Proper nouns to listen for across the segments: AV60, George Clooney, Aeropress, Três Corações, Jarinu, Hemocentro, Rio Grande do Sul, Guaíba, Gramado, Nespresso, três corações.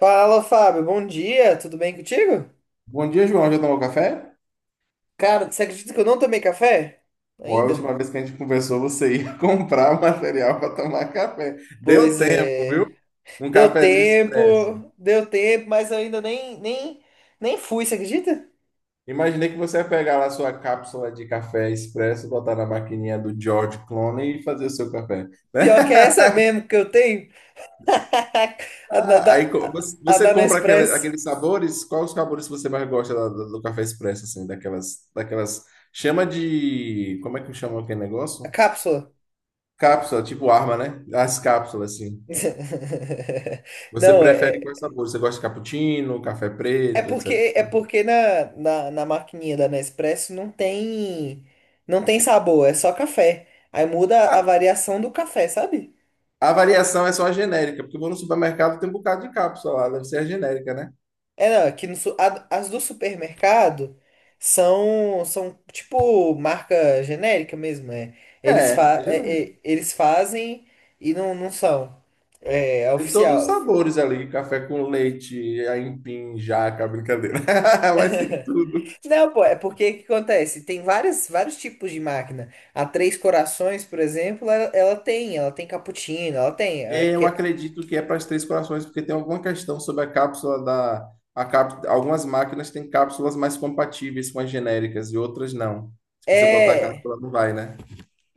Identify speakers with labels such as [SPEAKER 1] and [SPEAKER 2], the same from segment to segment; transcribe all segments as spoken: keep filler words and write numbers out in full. [SPEAKER 1] Fala, Fábio. Bom dia, tudo bem contigo?
[SPEAKER 2] Bom dia, João. Já tomou café?
[SPEAKER 1] Cara, você acredita que eu não tomei café?
[SPEAKER 2] Ou a
[SPEAKER 1] Ainda?
[SPEAKER 2] última vez que a gente conversou, você ia comprar material para tomar café. Deu
[SPEAKER 1] Pois
[SPEAKER 2] tempo, viu?
[SPEAKER 1] é.
[SPEAKER 2] Um
[SPEAKER 1] Deu
[SPEAKER 2] cafezinho
[SPEAKER 1] tempo,
[SPEAKER 2] expresso.
[SPEAKER 1] deu tempo, mas eu ainda nem, nem, nem fui, você acredita?
[SPEAKER 2] Imaginei que você ia pegar lá sua cápsula de café expresso, botar na maquininha do George Clooney e fazer o seu café, né?
[SPEAKER 1] Pior que é essa mesmo que eu tenho. A da,
[SPEAKER 2] Ah,
[SPEAKER 1] da,
[SPEAKER 2] aí co- você
[SPEAKER 1] a
[SPEAKER 2] você
[SPEAKER 1] da
[SPEAKER 2] compra aquele-
[SPEAKER 1] Nespresso.
[SPEAKER 2] aqueles sabores? Quais os sabores que você mais gosta da- do, do café expresso, assim, daquelas, daquelas... Chama de... Como é que chama aquele
[SPEAKER 1] A
[SPEAKER 2] negócio?
[SPEAKER 1] cápsula.
[SPEAKER 2] Cápsula, tipo arma, né? As cápsulas, assim. Você
[SPEAKER 1] Não, é,
[SPEAKER 2] prefere
[SPEAKER 1] é,
[SPEAKER 2] quais sabores? Você gosta de cappuccino, café
[SPEAKER 1] É
[SPEAKER 2] preto, etcétera.
[SPEAKER 1] porque, é porque na, na, na maquininha da Nespresso não tem, não tem sabor, é só café. Aí muda
[SPEAKER 2] A,
[SPEAKER 1] a variação do café, sabe?
[SPEAKER 2] a variação é só a genérica, porque eu vou no supermercado tem um bocado de cápsula lá, deve ser a genérica, né?
[SPEAKER 1] É, não, aqui no, su- a- as do supermercado são, são tipo marca genérica mesmo, é. Eles,
[SPEAKER 2] É,
[SPEAKER 1] fa,
[SPEAKER 2] é
[SPEAKER 1] é- é-
[SPEAKER 2] genérica.
[SPEAKER 1] eles fazem e não, não são. É, é
[SPEAKER 2] Tem todos os
[SPEAKER 1] oficial.
[SPEAKER 2] sabores ali, café com leite, aipim, jaca, brincadeira. Mas tem tudo.
[SPEAKER 1] Não, pô, é porque o que acontece? Tem várias, vários tipos de máquina. A Três Corações, por exemplo, ela, ela tem, ela tem cappuccino, ela tem. É
[SPEAKER 2] Eu
[SPEAKER 1] porque
[SPEAKER 2] acredito que é para as Três Corações, porque tem alguma questão sobre a cápsula da... a cap- Algumas máquinas têm cápsulas mais compatíveis com as genéricas e outras não. Se você botar a
[SPEAKER 1] é.
[SPEAKER 2] cápsula, não vai, né?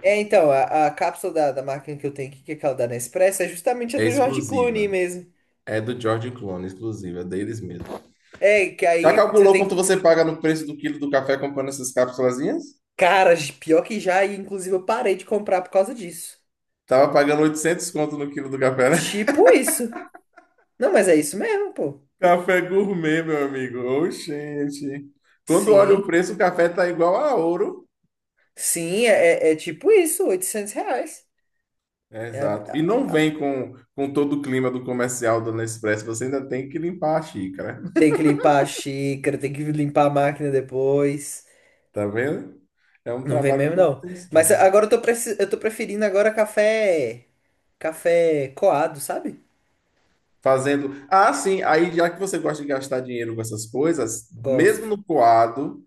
[SPEAKER 1] É, então, a, a cápsula da, da máquina que eu tenho aqui, que é aquela da Nespresso, é justamente a
[SPEAKER 2] É
[SPEAKER 1] do George Clooney
[SPEAKER 2] exclusiva.
[SPEAKER 1] mesmo.
[SPEAKER 2] É do George Clooney, exclusiva, é deles mesmo.
[SPEAKER 1] É, que
[SPEAKER 2] Já
[SPEAKER 1] aí você
[SPEAKER 2] calculou quanto
[SPEAKER 1] tem
[SPEAKER 2] você paga no preço do quilo do café comprando essas cápsulazinhas?
[SPEAKER 1] cara de pior que já, e inclusive eu parei de comprar por causa disso.
[SPEAKER 2] Tava pagando oitocentos conto no quilo do café, né?
[SPEAKER 1] Tipo isso. Não, mas é isso mesmo, pô.
[SPEAKER 2] Café gourmet, meu amigo. Oxente. Quando olha o
[SPEAKER 1] Sim.
[SPEAKER 2] preço, o café tá igual a ouro.
[SPEAKER 1] Sim, é, é é tipo isso, oitocentos reais.
[SPEAKER 2] É,
[SPEAKER 1] É,
[SPEAKER 2] exato. E não
[SPEAKER 1] ab-
[SPEAKER 2] vem com, com todo o clima do comercial do Nespresso. Você ainda tem que limpar a xícara.
[SPEAKER 1] Tem que limpar a xícara, tem que limpar a máquina depois.
[SPEAKER 2] Tá vendo? É um
[SPEAKER 1] Não vem
[SPEAKER 2] trabalho
[SPEAKER 1] mesmo,
[SPEAKER 2] de
[SPEAKER 1] não. Mas
[SPEAKER 2] manutenção.
[SPEAKER 1] agora eu tô, preci- eu tô preferindo agora café. Café coado, sabe?
[SPEAKER 2] Fazendo. Ah, sim. Aí, já que você gosta de gastar dinheiro com essas coisas, mesmo
[SPEAKER 1] Gosto.
[SPEAKER 2] no coado,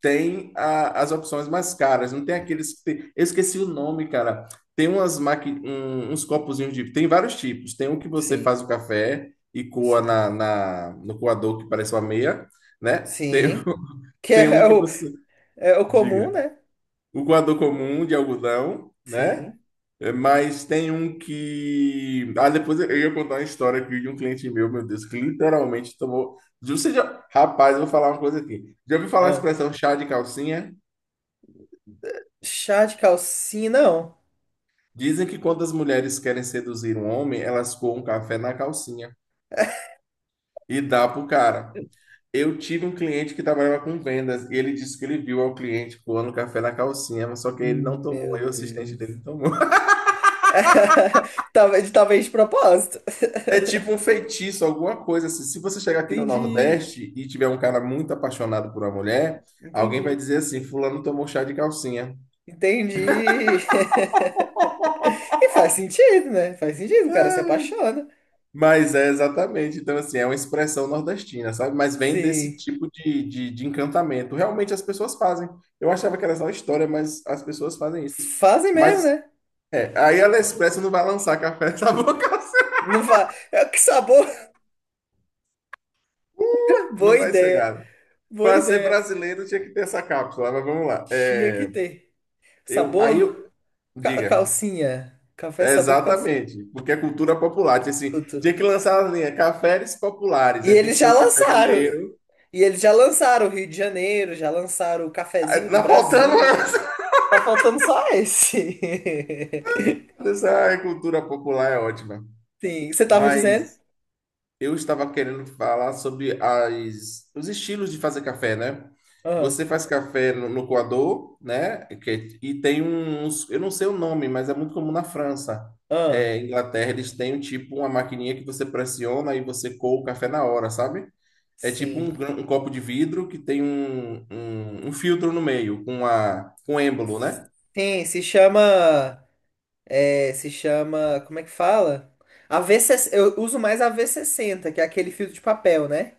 [SPEAKER 2] tem a- as opções mais caras. Não tem aqueles que tem... Eu esqueci o nome, cara. Tem umas maqui... um- uns copozinhos de. Tem vários tipos. Tem um que você
[SPEAKER 1] Sim,
[SPEAKER 2] faz o café e coa
[SPEAKER 1] sim.
[SPEAKER 2] na, na... no coador que parece uma meia, né? Tem...
[SPEAKER 1] Sim. Que
[SPEAKER 2] Tem um
[SPEAKER 1] é
[SPEAKER 2] que
[SPEAKER 1] o,
[SPEAKER 2] você.
[SPEAKER 1] é o comum,
[SPEAKER 2] Diga.
[SPEAKER 1] né?
[SPEAKER 2] O coador comum de algodão, né?
[SPEAKER 1] Sim.
[SPEAKER 2] É, mas tem um que. Ah, depois eu ia contar uma história aqui de um cliente meu, meu Deus, que literalmente tomou. Você já... Rapaz, eu vou falar uma coisa aqui. Já ouviu falar a
[SPEAKER 1] Ah.
[SPEAKER 2] expressão chá de calcinha?
[SPEAKER 1] Chá de calcinha, não.
[SPEAKER 2] Dizem que quando as mulheres querem seduzir um homem, elas coam um café na calcinha e dá pro cara. Eu tive um cliente que trabalhava com vendas e ele disse que ele viu ao cliente coando café na calcinha, mas só que ele não
[SPEAKER 1] Hum,
[SPEAKER 2] tomou,
[SPEAKER 1] meu
[SPEAKER 2] aí o assistente dele
[SPEAKER 1] Deus.
[SPEAKER 2] tomou.
[SPEAKER 1] Talvez, talvez de propósito.
[SPEAKER 2] É tipo um feitiço, alguma coisa assim. Se você chegar aqui no
[SPEAKER 1] Entendi.
[SPEAKER 2] Nordeste e tiver um cara muito apaixonado por uma mulher, alguém vai
[SPEAKER 1] Entendi.
[SPEAKER 2] dizer assim: Fulano tomou chá de calcinha.
[SPEAKER 1] Entendi. E faz sentido, né? Faz sentido, o cara se apaixona.
[SPEAKER 2] Mas é exatamente, então assim, é uma expressão nordestina, sabe? Mas vem desse
[SPEAKER 1] Sim.
[SPEAKER 2] tipo de, de, de encantamento. Realmente as pessoas fazem. Eu achava que era só história, mas as pessoas fazem isso.
[SPEAKER 1] Fazem mesmo,
[SPEAKER 2] Mas
[SPEAKER 1] né?
[SPEAKER 2] é, aí a Nespresso não vai lançar café nessa boca,
[SPEAKER 1] Não fa... É, que sabor! Boa
[SPEAKER 2] não vai
[SPEAKER 1] ideia.
[SPEAKER 2] chegar.
[SPEAKER 1] Boa
[SPEAKER 2] Para ser
[SPEAKER 1] ideia.
[SPEAKER 2] brasileiro tinha que ter essa cápsula, mas vamos lá.
[SPEAKER 1] Tinha que
[SPEAKER 2] É,
[SPEAKER 1] ter.
[SPEAKER 2] eu, aí
[SPEAKER 1] Sabor
[SPEAKER 2] eu,
[SPEAKER 1] ca-
[SPEAKER 2] diga.
[SPEAKER 1] calcinha. Café
[SPEAKER 2] É,
[SPEAKER 1] sabor calcinha.
[SPEAKER 2] exatamente, porque é cultura popular. Tinha, assim,
[SPEAKER 1] Cultura.
[SPEAKER 2] tinha que lançar a linha cafés populares,
[SPEAKER 1] E
[SPEAKER 2] aí tem
[SPEAKER 1] eles
[SPEAKER 2] que ter
[SPEAKER 1] já
[SPEAKER 2] o café
[SPEAKER 1] lançaram.
[SPEAKER 2] mineiro.
[SPEAKER 1] E eles já lançaram o Rio de Janeiro, já lançaram o
[SPEAKER 2] Aí,
[SPEAKER 1] cafezinho do
[SPEAKER 2] tá faltando.
[SPEAKER 1] Brasil. Tá faltando só esse.
[SPEAKER 2] Essa é cultura popular é ótima.
[SPEAKER 1] Sim. Você tava dizendo?
[SPEAKER 2] Mas eu estava querendo falar sobre as, os estilos de fazer café, né?
[SPEAKER 1] ah
[SPEAKER 2] Você faz café no, no coador, né? Que- e tem uns, eu não sei o nome, mas é muito comum na França.
[SPEAKER 1] ah
[SPEAKER 2] É, Inglaterra, eles têm tipo uma maquininha que você pressiona e você coa o café na hora, sabe? É tipo um,
[SPEAKER 1] Sim.
[SPEAKER 2] gran- um copo de vidro que tem um, um, um filtro no meio, com, a, com êmbolo, né?
[SPEAKER 1] Sim, se chama. É, se chama. Como é que fala? A V sessenta, eu uso mais a V sessenta que é aquele filtro de papel, né?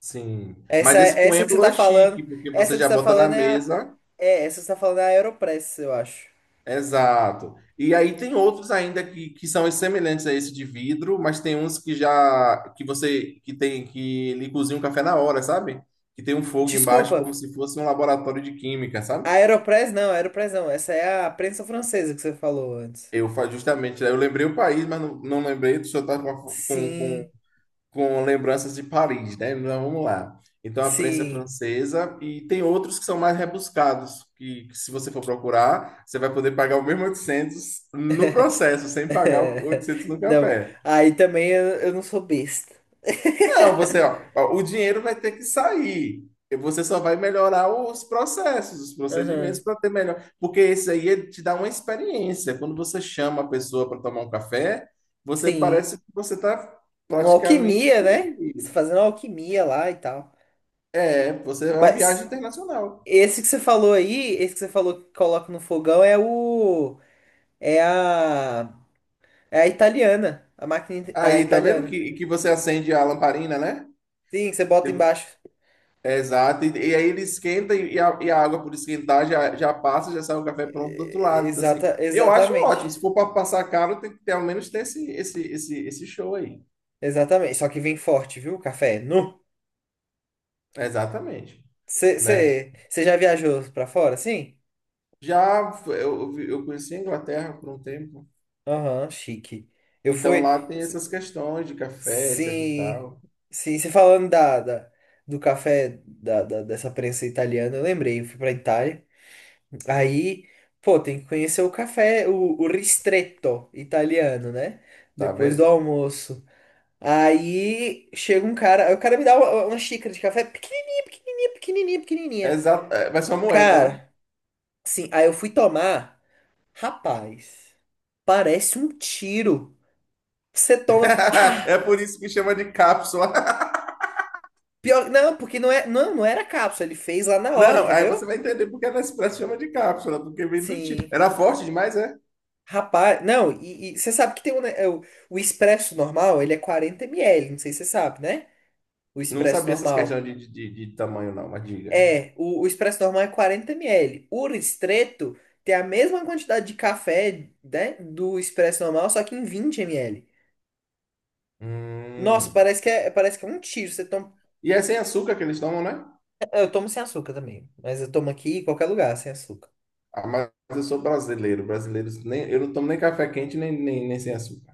[SPEAKER 2] Sim,
[SPEAKER 1] Essa,
[SPEAKER 2] mas esse com
[SPEAKER 1] essa que você
[SPEAKER 2] êmbolo
[SPEAKER 1] tá
[SPEAKER 2] é chique,
[SPEAKER 1] falando.
[SPEAKER 2] porque
[SPEAKER 1] Essa
[SPEAKER 2] você
[SPEAKER 1] que você
[SPEAKER 2] já
[SPEAKER 1] tá
[SPEAKER 2] bota na
[SPEAKER 1] falando é a.
[SPEAKER 2] mesa.
[SPEAKER 1] É, essa que você tá falando é a Aeropress, eu acho.
[SPEAKER 2] Exato. E aí tem outros ainda que, que são semelhantes a esse de vidro, mas tem uns que já que você que tem que ele cozinha um café na hora, sabe? Que tem um fogo embaixo como
[SPEAKER 1] Desculpa.
[SPEAKER 2] se fosse um laboratório de química,
[SPEAKER 1] A
[SPEAKER 2] sabe?
[SPEAKER 1] Aeropress não, a Aeropress não. Essa é a prensa francesa que você falou antes.
[SPEAKER 2] Eu fa- justamente, eu lembrei o país, mas não, não lembrei, o senhor tá com, a- com, com
[SPEAKER 1] Sim,
[SPEAKER 2] com lembranças de Paris, né? Então, vamos lá. Então, a prensa é
[SPEAKER 1] sim.
[SPEAKER 2] francesa, e tem outros que são mais rebuscados, que, que se você for procurar, você vai poder pagar o mesmo oitocentos no processo, sem pagar o oitocentos no
[SPEAKER 1] Não.
[SPEAKER 2] café.
[SPEAKER 1] Aí também eu, eu não sou besta.
[SPEAKER 2] Não, você, ó, ó, o dinheiro vai ter que sair. E você só vai melhorar os processos, os procedimentos
[SPEAKER 1] Aham.
[SPEAKER 2] para ter melhor. Porque esse aí ele te dá uma experiência. Quando você chama a pessoa para tomar um café, você
[SPEAKER 1] Sim.
[SPEAKER 2] parece que você está
[SPEAKER 1] Uma
[SPEAKER 2] praticamente.
[SPEAKER 1] alquimia, né? Você fazendo alquimia lá e tal.
[SPEAKER 2] É, você é uma viagem
[SPEAKER 1] Mas.
[SPEAKER 2] internacional.
[SPEAKER 1] Esse que você falou aí, esse que você falou que coloca no fogão é o. É a. É a italiana. A máquina it- a
[SPEAKER 2] Aí, tá vendo
[SPEAKER 1] italiana.
[SPEAKER 2] que, que você acende a lamparina, né?
[SPEAKER 1] Sim, que você bota embaixo.
[SPEAKER 2] É, exato. E, e aí ele esquenta e, a, e a água por esquentar já, já passa, já sai o café pronto do outro
[SPEAKER 1] É,
[SPEAKER 2] lado. Então, assim,
[SPEAKER 1] Exata,
[SPEAKER 2] eu acho
[SPEAKER 1] exatamente.
[SPEAKER 2] ótimo. Se for para passar caro, tem que ter, ao menos ter esse, esse, esse, esse show aí.
[SPEAKER 1] Exatamente. Só que vem forte, viu? Café. É nu.
[SPEAKER 2] Exatamente,
[SPEAKER 1] Você
[SPEAKER 2] né?
[SPEAKER 1] você- você já viajou pra fora, sim?
[SPEAKER 2] Já f- eu, eu eu conheci a Inglaterra por um tempo.
[SPEAKER 1] Aham, chique. Eu
[SPEAKER 2] Então
[SPEAKER 1] fui.
[SPEAKER 2] lá tem
[SPEAKER 1] s-
[SPEAKER 2] essas questões de café, etc e
[SPEAKER 1] Sim.
[SPEAKER 2] tal.
[SPEAKER 1] Sim, você falando da, da- do café da, da- dessa prensa italiana, eu lembrei, eu fui pra Itália. Aí, pô, tem que conhecer o café, o, o ristretto italiano, né?
[SPEAKER 2] Tá
[SPEAKER 1] Depois do
[SPEAKER 2] vendo?
[SPEAKER 1] almoço. Aí chega um cara, aí o cara me dá uma, uma xícara de café pequenininha, pequenininha, pequenininha, pequenininha.
[SPEAKER 2] Exato. É, vai ser uma moeda, né?
[SPEAKER 1] Cara, assim, aí eu fui tomar, rapaz, parece um tiro. Você toma, pá,
[SPEAKER 2] É por isso que chama de cápsula.
[SPEAKER 1] pior, não, porque não é, não, não era cápsula, ele fez lá na hora,
[SPEAKER 2] Não, aí
[SPEAKER 1] entendeu?
[SPEAKER 2] você vai entender porque a Nespresso chama de cápsula, porque vem do tipo.
[SPEAKER 1] Sim.
[SPEAKER 2] Era forte demais, é?
[SPEAKER 1] Rapaz, não, e você sabe que tem um, ne- é, o, o expresso normal, ele é quarenta mililitros, não sei se você sabe, né? O
[SPEAKER 2] Não
[SPEAKER 1] expresso
[SPEAKER 2] sabia essas questões
[SPEAKER 1] normal.
[SPEAKER 2] de, de, de- de tamanho, não, mas diga.
[SPEAKER 1] É, o, o expresso normal é quarenta ml. O ristretto tem a mesma quantidade de café, né, do expresso normal, só que em vinte ml. Nossa,
[SPEAKER 2] Hum.
[SPEAKER 1] parece que é, parece que é um tiro. Você toma...
[SPEAKER 2] E é sem açúcar que eles tomam, né?
[SPEAKER 1] Eu tomo sem açúcar também. Mas eu tomo aqui em qualquer lugar sem açúcar.
[SPEAKER 2] Ah, mas eu sou brasileiro. Brasileiros, nem, eu não tomo nem café quente, nem, nem, nem sem açúcar.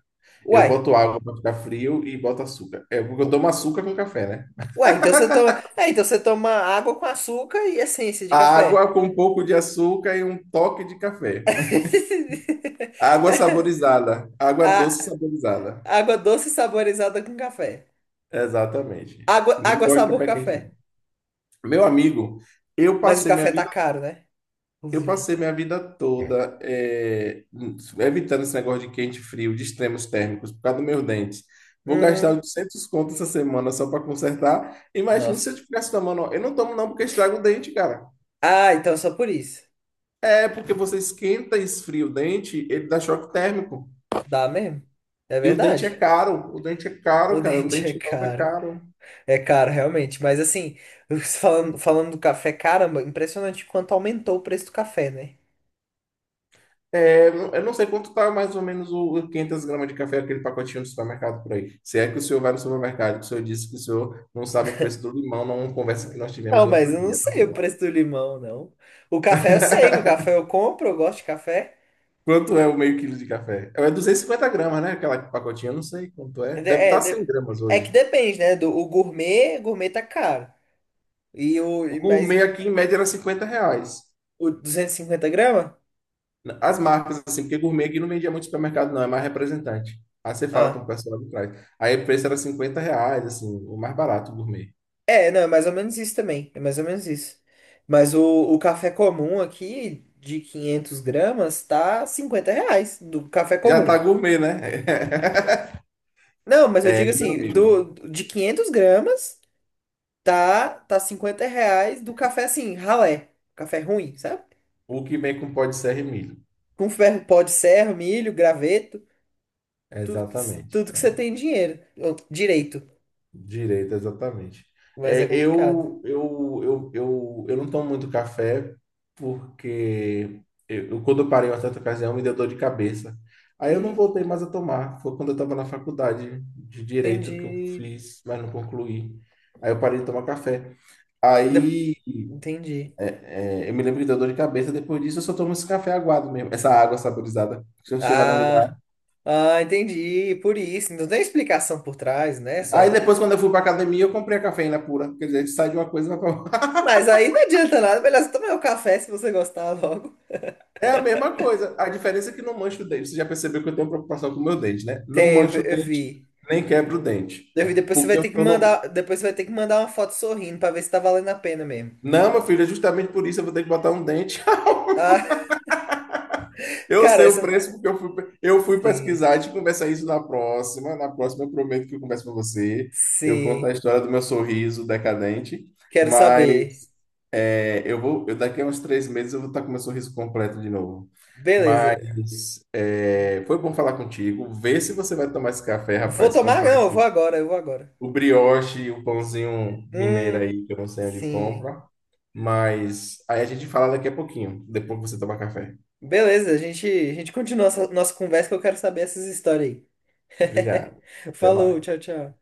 [SPEAKER 2] Eu
[SPEAKER 1] Uai.
[SPEAKER 2] boto água para ficar frio e boto açúcar. É porque eu tomo açúcar com café, né?
[SPEAKER 1] Uai, então você toma. É, então você toma água com açúcar e essência de
[SPEAKER 2] A
[SPEAKER 1] café.
[SPEAKER 2] água com um pouco de açúcar e um toque de café. Água saborizada. Água
[SPEAKER 1] A,
[SPEAKER 2] doce saborizada.
[SPEAKER 1] água doce saborizada com café.
[SPEAKER 2] Exatamente.
[SPEAKER 1] Água,
[SPEAKER 2] Eu não
[SPEAKER 1] água
[SPEAKER 2] gosto de
[SPEAKER 1] sabor
[SPEAKER 2] café quente.
[SPEAKER 1] café.
[SPEAKER 2] Meu amigo, eu
[SPEAKER 1] Mas o
[SPEAKER 2] passei minha
[SPEAKER 1] café tá
[SPEAKER 2] vida,
[SPEAKER 1] caro, né?
[SPEAKER 2] eu
[SPEAKER 1] Inclusive.
[SPEAKER 2] passei minha vida toda eh, evitando esse negócio de quente e frio, de extremos térmicos, por causa dos meus dentes. Vou gastar
[SPEAKER 1] Hum,
[SPEAKER 2] oitocentos conto essa semana só para consertar. Imagina se eu
[SPEAKER 1] nossa.
[SPEAKER 2] tivesse tomando. Eu não tomo não porque estraga o dente, cara.
[SPEAKER 1] Ah, então é só por isso.
[SPEAKER 2] É porque você esquenta e esfria o dente, ele dá choque térmico.
[SPEAKER 1] Dá mesmo. É
[SPEAKER 2] E o dente é
[SPEAKER 1] verdade.
[SPEAKER 2] caro. O dente é
[SPEAKER 1] O
[SPEAKER 2] caro, cara. Um
[SPEAKER 1] dente é
[SPEAKER 2] dente novo é
[SPEAKER 1] caro.
[SPEAKER 2] caro.
[SPEAKER 1] É caro, realmente. Mas assim, falando, falando do café, caramba, impressionante quanto aumentou o preço do café, né?
[SPEAKER 2] É, eu não sei quanto tá mais ou menos o quinhentos gramas de café, aquele pacotinho do supermercado por aí. Se é que o senhor vai no supermercado, que o senhor disse que o senhor não sabe o preço do limão, numa conversa que nós tivemos
[SPEAKER 1] Não, mas
[SPEAKER 2] outro
[SPEAKER 1] eu não
[SPEAKER 2] dia. Então,
[SPEAKER 1] sei o
[SPEAKER 2] vamos lá.
[SPEAKER 1] preço do limão, não. O café eu sei, o café eu compro, eu gosto de café.
[SPEAKER 2] Quanto é o meio quilo de café? É duzentos e cinquenta gramas, né? Aquela pacotinha, eu não sei quanto é.
[SPEAKER 1] É, de-
[SPEAKER 2] Deve
[SPEAKER 1] é
[SPEAKER 2] estar cem
[SPEAKER 1] de-
[SPEAKER 2] gramas
[SPEAKER 1] é que
[SPEAKER 2] hoje.
[SPEAKER 1] depende, né? Do, o gourmet, gourmet tá caro. E o,
[SPEAKER 2] O
[SPEAKER 1] e- mas
[SPEAKER 2] gourmet aqui, em média, era cinquenta reais.
[SPEAKER 1] o duzentos e cinquenta gramas?
[SPEAKER 2] As marcas, assim, porque gourmet aqui não vendia muito supermercado, não, é mais representante. Aí você fala com o
[SPEAKER 1] Ah.
[SPEAKER 2] pessoal lá de trás. Aí o preço era cinquenta reais, assim, o mais barato, o gourmet.
[SPEAKER 1] É, não, é mais ou menos isso também. É mais ou menos isso. Mas o, o café comum aqui, de 500 gramas, tá cinquenta reais do café
[SPEAKER 2] Já tá
[SPEAKER 1] comum.
[SPEAKER 2] gourmet, né?
[SPEAKER 1] Não, mas eu digo
[SPEAKER 2] É, meu
[SPEAKER 1] assim,
[SPEAKER 2] amigo.
[SPEAKER 1] do, de 500 gramas, tá, tá cinquenta reais do café assim, ralé. Café ruim, sabe?
[SPEAKER 2] O que vem com pó de serra e milho.
[SPEAKER 1] Com ferro, pó de serra, milho, graveto, tudo,
[SPEAKER 2] Exatamente.
[SPEAKER 1] tudo que você tem dinheiro. Ou direito,
[SPEAKER 2] Direito, exatamente.
[SPEAKER 1] mas
[SPEAKER 2] É,
[SPEAKER 1] é complicado.
[SPEAKER 2] eu, eu, eu, eu, eu não tomo muito café porque eu, eu- quando eu parei uma certa ocasião me deu dor de cabeça. Aí eu não
[SPEAKER 1] E
[SPEAKER 2] voltei mais a tomar. Foi quando eu estava na faculdade de direito que eu
[SPEAKER 1] entendi.
[SPEAKER 2] fiz, mas não concluí. Aí eu parei de tomar café.
[SPEAKER 1] De-
[SPEAKER 2] Aí
[SPEAKER 1] Entendi.
[SPEAKER 2] é, é, eu me lembro que deu dor de cabeça. Depois disso, eu só tomo esse café aguado mesmo. Essa água saborizada. Se eu chegar num lugar.
[SPEAKER 1] Ah. Ah, entendi. Por isso. Não tem explicação por trás, né?
[SPEAKER 2] Aí
[SPEAKER 1] Só.
[SPEAKER 2] depois, quando eu fui pra academia, eu comprei a cafeína pura. Quer dizer, a gente sai de uma coisa e vai pra
[SPEAKER 1] Mas aí não adianta nada. Melhor você tomar o café se você gostar logo.
[SPEAKER 2] É a mesma coisa. A diferença é que não mancho o dente. Você já percebeu que eu tenho preocupação com o meu dente, né? Não
[SPEAKER 1] Teve,
[SPEAKER 2] mancho o
[SPEAKER 1] eu vi. Eu
[SPEAKER 2] dente,
[SPEAKER 1] vi.
[SPEAKER 2] nem quebro o dente.
[SPEAKER 1] Eu
[SPEAKER 2] É,
[SPEAKER 1] vi, Depois você vai
[SPEAKER 2] porque eu
[SPEAKER 1] ter que
[SPEAKER 2] tô no.
[SPEAKER 1] mandar. depois você vai ter que mandar uma foto sorrindo pra ver se tá valendo a pena mesmo.
[SPEAKER 2] Não, meu filho, é justamente por isso eu vou ter que botar um dente.
[SPEAKER 1] Ah,
[SPEAKER 2] Eu
[SPEAKER 1] cara,
[SPEAKER 2] sei o
[SPEAKER 1] essa.
[SPEAKER 2] preço porque eu fui, eu fui pesquisar.
[SPEAKER 1] Sim.
[SPEAKER 2] A gente conversa isso na próxima. Na próxima, eu prometo que eu converso com você. Eu conto
[SPEAKER 1] Sim.
[SPEAKER 2] a história do meu sorriso decadente.
[SPEAKER 1] Quero
[SPEAKER 2] Mas
[SPEAKER 1] saber.
[SPEAKER 2] é, eu vou, eu, daqui a uns três meses eu vou estar com meu sorriso completo de novo.
[SPEAKER 1] Beleza.
[SPEAKER 2] Mas é, foi bom falar contigo. Vê se você vai tomar esse café,
[SPEAKER 1] Vou
[SPEAKER 2] rapaz.
[SPEAKER 1] tomar?
[SPEAKER 2] Comprar
[SPEAKER 1] Não, eu vou
[SPEAKER 2] esse,
[SPEAKER 1] agora, eu vou agora.
[SPEAKER 2] o brioche, o pãozinho mineiro
[SPEAKER 1] Hum,
[SPEAKER 2] aí, que eu não sei onde
[SPEAKER 1] sim.
[SPEAKER 2] compra. Mas aí a gente fala daqui a pouquinho, depois que você tomar café.
[SPEAKER 1] Beleza, a gente, a gente continua essa nossa conversa que eu quero saber essas histórias
[SPEAKER 2] Obrigado.
[SPEAKER 1] aí.
[SPEAKER 2] Até
[SPEAKER 1] Falou,
[SPEAKER 2] mais.
[SPEAKER 1] tchau, tchau.